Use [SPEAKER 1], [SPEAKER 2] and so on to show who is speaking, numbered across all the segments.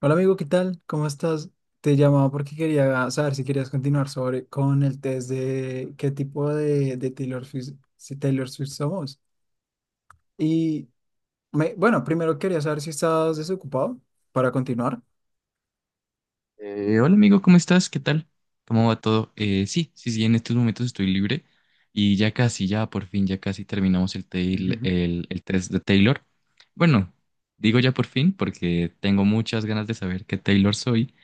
[SPEAKER 1] Hola amigo, ¿qué tal? ¿Cómo estás? Te llamaba porque quería saber si querías continuar sobre con el test de qué tipo de Taylor Swift, si Taylor Swift somos. Y bueno, primero quería saber si estás desocupado para continuar.
[SPEAKER 2] Hola amigo, ¿cómo estás? ¿Qué tal? ¿Cómo va todo? Sí, sí, sí, en estos momentos estoy libre y ya casi, ya por fin, ya casi terminamos el, tail-
[SPEAKER 1] Ujú.
[SPEAKER 2] el, el test de Taylor. Bueno, digo ya por fin porque tengo muchas ganas de saber qué Taylor soy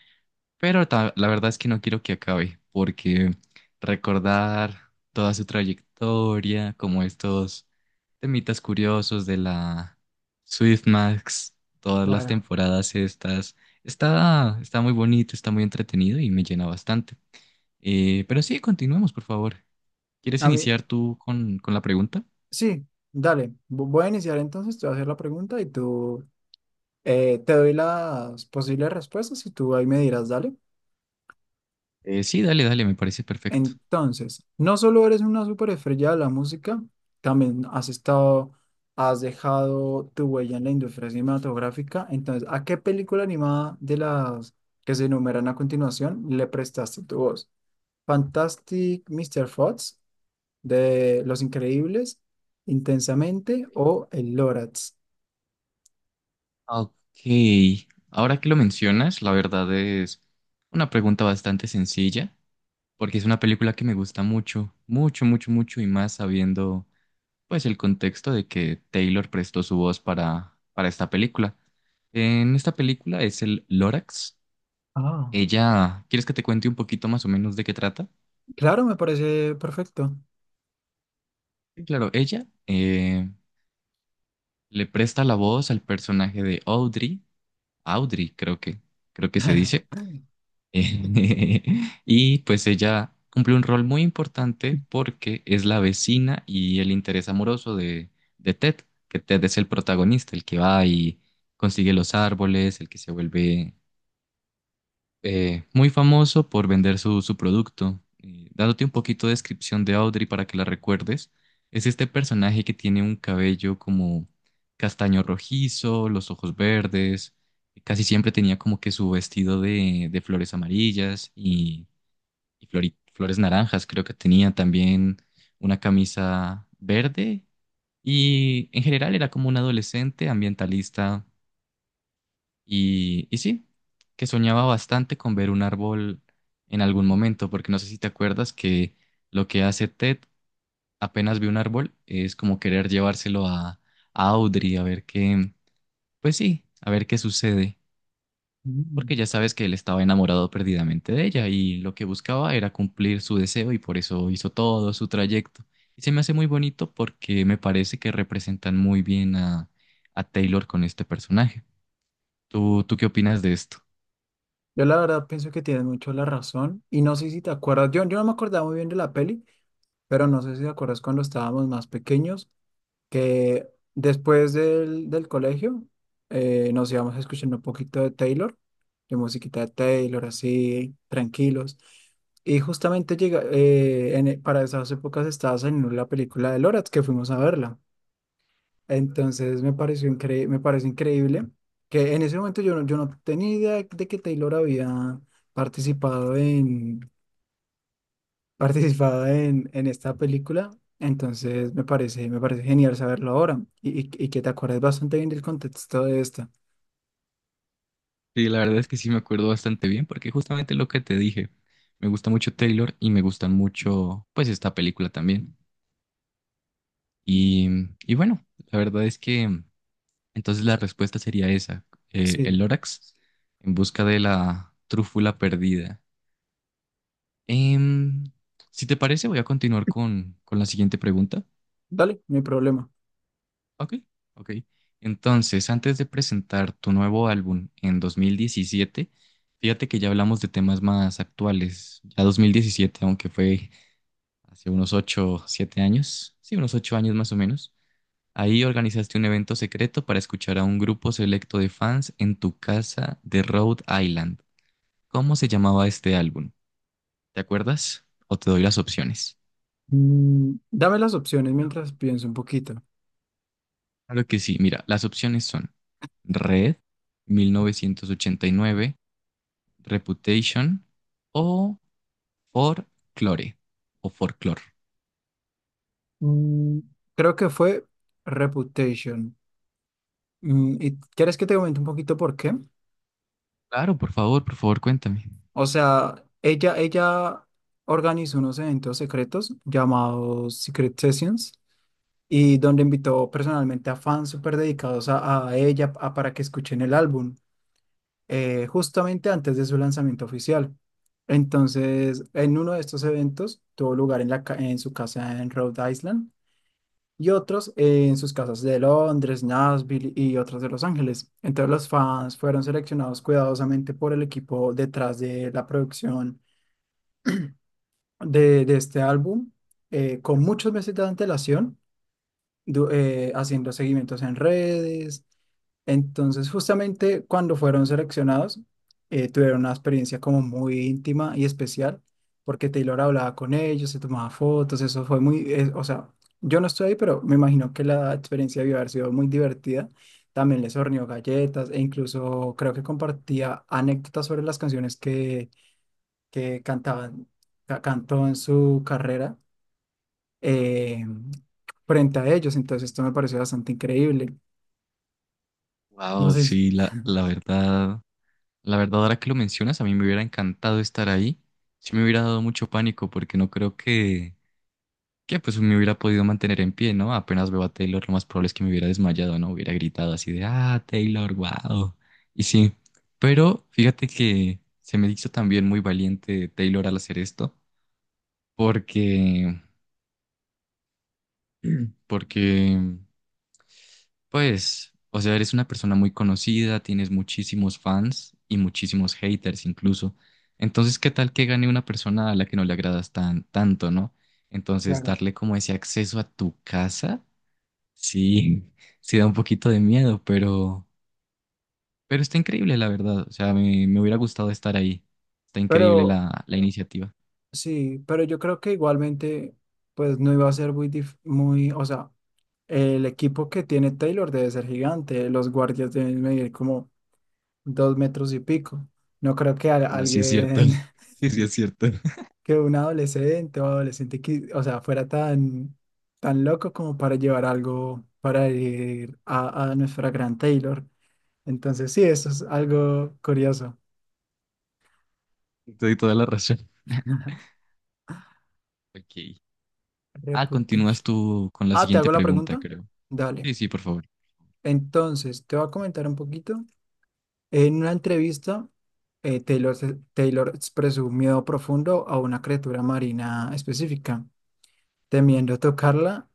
[SPEAKER 2] pero la verdad es que no quiero que acabe, porque recordar toda su trayectoria, como estos temitas curiosos de la Max, todas las
[SPEAKER 1] Claro.
[SPEAKER 2] temporadas estas, está muy bonito, está muy entretenido y me llena bastante. Pero sí, continuemos, por favor. ¿Quieres
[SPEAKER 1] A mí,
[SPEAKER 2] iniciar tú con, la pregunta?
[SPEAKER 1] sí, dale. Voy a iniciar entonces, te voy a hacer la pregunta y tú te doy las posibles respuestas y tú ahí me dirás, dale.
[SPEAKER 2] Sí, dale, dale, me parece perfecto.
[SPEAKER 1] Entonces, no solo eres una superestrella de la música, también has dejado tu huella en la industria cinematográfica. Entonces, ¿a qué película animada de las que se enumeran a continuación le prestaste tu voz? ¿Fantastic Mr. Fox de Los Increíbles, Intensamente o El Lorax?
[SPEAKER 2] Ok, ahora que lo mencionas, la verdad es una pregunta bastante sencilla, porque es una película que me gusta mucho, mucho, mucho, mucho, y más sabiendo pues el contexto de que Taylor prestó su voz para, esta película. En esta película es el Lorax.
[SPEAKER 1] Ah,
[SPEAKER 2] Ella, ¿quieres que te cuente un poquito más o menos de qué trata?
[SPEAKER 1] claro, me parece perfecto.
[SPEAKER 2] Sí, claro, ella le presta la voz al personaje de Audrey. Audrey creo que, se dice. Eh, Y pues ella cumple un rol muy importante porque es la vecina y el interés amoroso de Ted, que Ted es el protagonista, el que va y consigue los árboles, el que se vuelve muy famoso por vender su producto. Dándote un poquito de descripción de Audrey para que la recuerdes, es este personaje que tiene un cabello como castaño rojizo, los ojos verdes, casi siempre tenía como que su vestido de, flores amarillas y flores naranjas, creo que tenía también una camisa verde y en general era como un adolescente ambientalista y sí, que soñaba bastante con ver un árbol en algún momento, porque no sé si te acuerdas que lo que hace Ted apenas ve un árbol es como querer llevárselo a Audrey a ver qué, pues sí, a ver qué sucede,
[SPEAKER 1] Mm.
[SPEAKER 2] porque ya sabes que él estaba enamorado perdidamente de ella y lo que buscaba era cumplir su deseo y por eso hizo todo su trayecto. Y se me hace muy bonito porque me parece que representan muy bien a, Taylor con este personaje. ¿Tú qué opinas de esto?
[SPEAKER 1] Yo la verdad pienso que tienes mucho la razón y no sé si te acuerdas, yo no me acordaba muy bien de la peli, pero no sé si te acuerdas cuando estábamos más pequeños, que después del colegio nos íbamos escuchando un poquito de Taylor, de musiquita de Taylor, así, tranquilos. Y justamente llega, para esas épocas estaba saliendo la película de Lorax, que fuimos a verla. Entonces me parece increíble que en ese momento yo no tenía idea de que Taylor había participado en, participado en esta película. Entonces me parece genial saberlo ahora y que te acuerdes bastante bien del contexto de esta.
[SPEAKER 2] Sí, la verdad es que sí me acuerdo bastante bien porque justamente lo que te dije, me gusta mucho Taylor y me gusta mucho pues esta película también. Y, y, bueno, la verdad es que entonces la respuesta sería esa, el
[SPEAKER 1] Sí,
[SPEAKER 2] Lorax en busca de la trúfula perdida. Em, si te parece voy a continuar con la siguiente pregunta.
[SPEAKER 1] dale, no hay problema.
[SPEAKER 2] Ok, ok. Entonces, antes de presentar tu nuevo álbum en 2017, fíjate que ya hablamos de temas más actuales. Ya 2017, aunque fue hace unos 8, 7 años, sí, unos 8 años más o menos, ahí organizaste un evento secreto para escuchar a un grupo selecto de fans en tu casa de Rhode Island. ¿Cómo se llamaba este álbum? ¿Te acuerdas? ¿O te doy las opciones?
[SPEAKER 1] Mm, dame las opciones mientras pienso un poquito.
[SPEAKER 2] Claro que sí, mira, las opciones son Red, 1989. Reputation o Folklore o Folklore.
[SPEAKER 1] Mm, creo que fue Reputation. Mm, ¿y quieres que te comente un poquito por qué?
[SPEAKER 2] Claro, por favor, cuéntame.
[SPEAKER 1] O sea, ella organizó unos eventos secretos llamados Secret Sessions y donde invitó personalmente a fans súper dedicados a ella para que escuchen el álbum justamente antes de su lanzamiento oficial. Entonces, en uno de estos eventos tuvo lugar en su casa en Rhode Island y otros en sus casas de Londres, Nashville y otros de Los Ángeles. Entonces, los fans fueron seleccionados cuidadosamente por el equipo detrás de la producción de este álbum con muchos meses de antelación, haciendo seguimientos en redes. Entonces, justamente cuando fueron seleccionados, tuvieron una experiencia como muy íntima y especial, porque Taylor hablaba con ellos, se tomaba fotos, eso fue o sea, yo no estoy ahí, pero me imagino que la experiencia debió haber sido muy divertida. También les horneó galletas e incluso creo que compartía anécdotas sobre las canciones que cantaban, cantó en su carrera eh, frente a ellos. Entonces esto me pareció bastante increíble. No
[SPEAKER 2] Wow,
[SPEAKER 1] sé si...
[SPEAKER 2] sí, la verdad, la verdad, ahora que lo mencionas, a mí me hubiera encantado estar ahí. Sí me hubiera dado mucho pánico porque no creo que, pues me hubiera podido mantener en pie, ¿no? Apenas veo a Taylor, lo más probable es que me hubiera desmayado, ¿no? Hubiera gritado así de, ah, Taylor, wow. Y sí, pero fíjate que se me hizo también muy valiente Taylor al hacer esto porque porque, pues, o sea, eres una persona muy conocida, tienes muchísimos fans y muchísimos haters incluso. Entonces, ¿qué tal que gane una persona a la que no le agradas tan tanto, ¿no? Entonces,
[SPEAKER 1] Claro.
[SPEAKER 2] darle como ese acceso a tu casa, sí, sí da un poquito de miedo, pero, está increíble, la verdad. O sea, me, hubiera gustado estar ahí. Está increíble
[SPEAKER 1] Pero
[SPEAKER 2] la iniciativa.
[SPEAKER 1] sí, pero yo creo que igualmente, pues no iba a ser o sea, el equipo que tiene Taylor debe ser gigante, los guardias deben medir como dos metros y pico. No creo que
[SPEAKER 2] Bueno, sí es cierto.
[SPEAKER 1] alguien,
[SPEAKER 2] Sí, sí es cierto.
[SPEAKER 1] que un adolescente o adolescente, o sea, fuera tan, tan loco como para llevar algo para ir a nuestra gran Taylor. Entonces, sí, eso es algo curioso.
[SPEAKER 2] Te doy toda la razón. Ok. Ah, continúas
[SPEAKER 1] Reputation.
[SPEAKER 2] tú con la
[SPEAKER 1] Ah, ¿te
[SPEAKER 2] siguiente
[SPEAKER 1] hago la
[SPEAKER 2] pregunta,
[SPEAKER 1] pregunta?
[SPEAKER 2] creo.
[SPEAKER 1] Dale.
[SPEAKER 2] Sí, sí, por favor.
[SPEAKER 1] Entonces, te voy a comentar un poquito. En una entrevista, Taylor expresó un miedo profundo a una criatura marina específica, temiendo tocarla,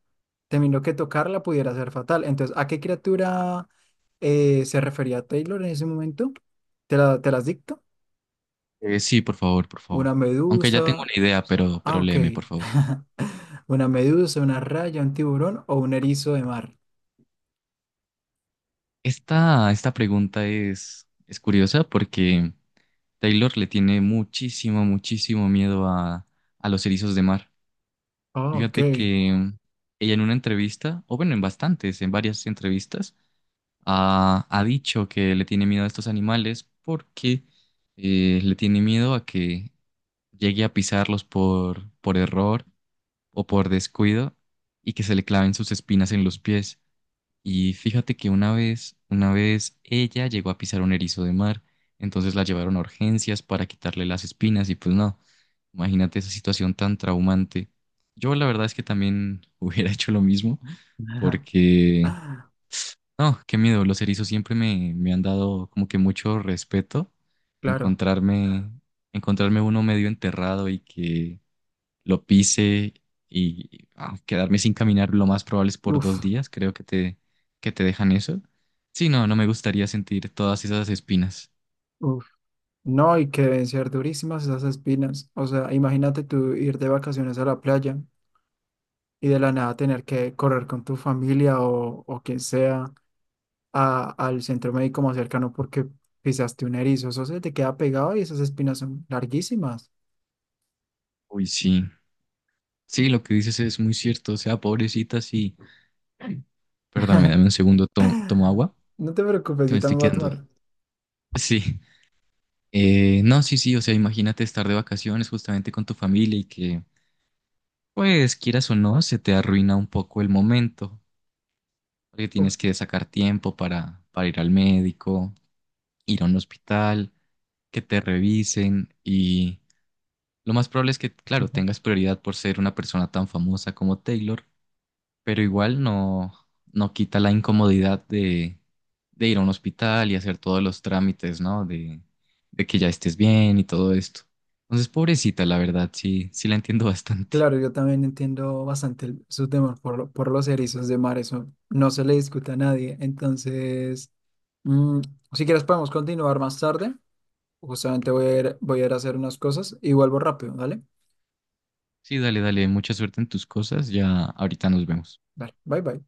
[SPEAKER 1] temiendo que tocarla pudiera ser fatal. Entonces, ¿a qué criatura se refería Taylor en ese momento? ¿Te la, te las dicto?
[SPEAKER 2] Sí, por favor, por favor.
[SPEAKER 1] ¿Una
[SPEAKER 2] Aunque ya tengo
[SPEAKER 1] medusa?
[SPEAKER 2] una idea, pero,
[SPEAKER 1] Ah,
[SPEAKER 2] pero
[SPEAKER 1] ok.
[SPEAKER 2] léeme, por favor.
[SPEAKER 1] Una medusa, una raya, un tiburón o un erizo de mar.
[SPEAKER 2] esta, pregunta es curiosa porque Taylor le tiene muchísimo, muchísimo miedo a los erizos de mar.
[SPEAKER 1] Ah, ok.
[SPEAKER 2] Fíjate que ella en una entrevista, o bueno, en bastantes, en varias entrevistas, ha, dicho que le tiene miedo a estos animales porque le tiene miedo a que llegue a pisarlos por error o por descuido y que se le claven sus espinas en los pies. Y fíjate que una vez ella llegó a pisar un erizo de mar, entonces la llevaron a urgencias para quitarle las espinas y pues no, imagínate esa situación tan traumante. Yo la verdad es que también hubiera hecho lo mismo
[SPEAKER 1] Ajá.
[SPEAKER 2] porque,
[SPEAKER 1] Ah,
[SPEAKER 2] no, qué miedo, los erizos siempre me han dado como que mucho respeto
[SPEAKER 1] claro.
[SPEAKER 2] encontrarme, encontrarme uno medio enterrado y que lo pise y ah, quedarme sin caminar lo más probable es por
[SPEAKER 1] Uf,
[SPEAKER 2] 2 días, creo que te dejan eso. Sí, no, no me gustaría sentir todas esas espinas.
[SPEAKER 1] uf. No, y que deben ser durísimas esas espinas. O sea, imagínate tú ir de vacaciones a la playa y de la nada tener que correr con tu familia o quien sea al centro médico más cercano porque pisaste un erizo. Eso se te queda pegado y esas espinas son larguísimas.
[SPEAKER 2] Uy, sí. Sí, lo que dices es muy cierto, o sea, pobrecita, sí. Perdóname, dame un segundo, tomo agua,
[SPEAKER 1] No te preocupes,
[SPEAKER 2] que me
[SPEAKER 1] yo
[SPEAKER 2] estoy
[SPEAKER 1] también voy a
[SPEAKER 2] quedando.
[SPEAKER 1] tomar.
[SPEAKER 2] Sí. No, sí, sí, o sea, imagínate estar de vacaciones justamente con tu familia y que, pues, quieras o no, se te arruina un poco el momento, porque
[SPEAKER 1] Uf.
[SPEAKER 2] tienes que sacar tiempo para, ir al médico, ir a un hospital, que te revisen y lo más probable es que, claro, tengas prioridad por ser una persona tan famosa como Taylor, pero igual no, no quita la incomodidad de, ir a un hospital y hacer todos los trámites, ¿no? de que ya estés bien y todo esto. Entonces, pobrecita, la verdad, sí, sí la entiendo bastante.
[SPEAKER 1] Claro, yo también entiendo bastante su temor por, por los erizos de mar, eso no se le discute a nadie. Entonces, mm, si quieres podemos continuar más tarde. Justamente voy a ir a hacer unas cosas y vuelvo rápido, ¿vale?
[SPEAKER 2] Sí, dale, dale, mucha suerte en tus cosas, ya ahorita nos vemos.
[SPEAKER 1] Vale, bye bye.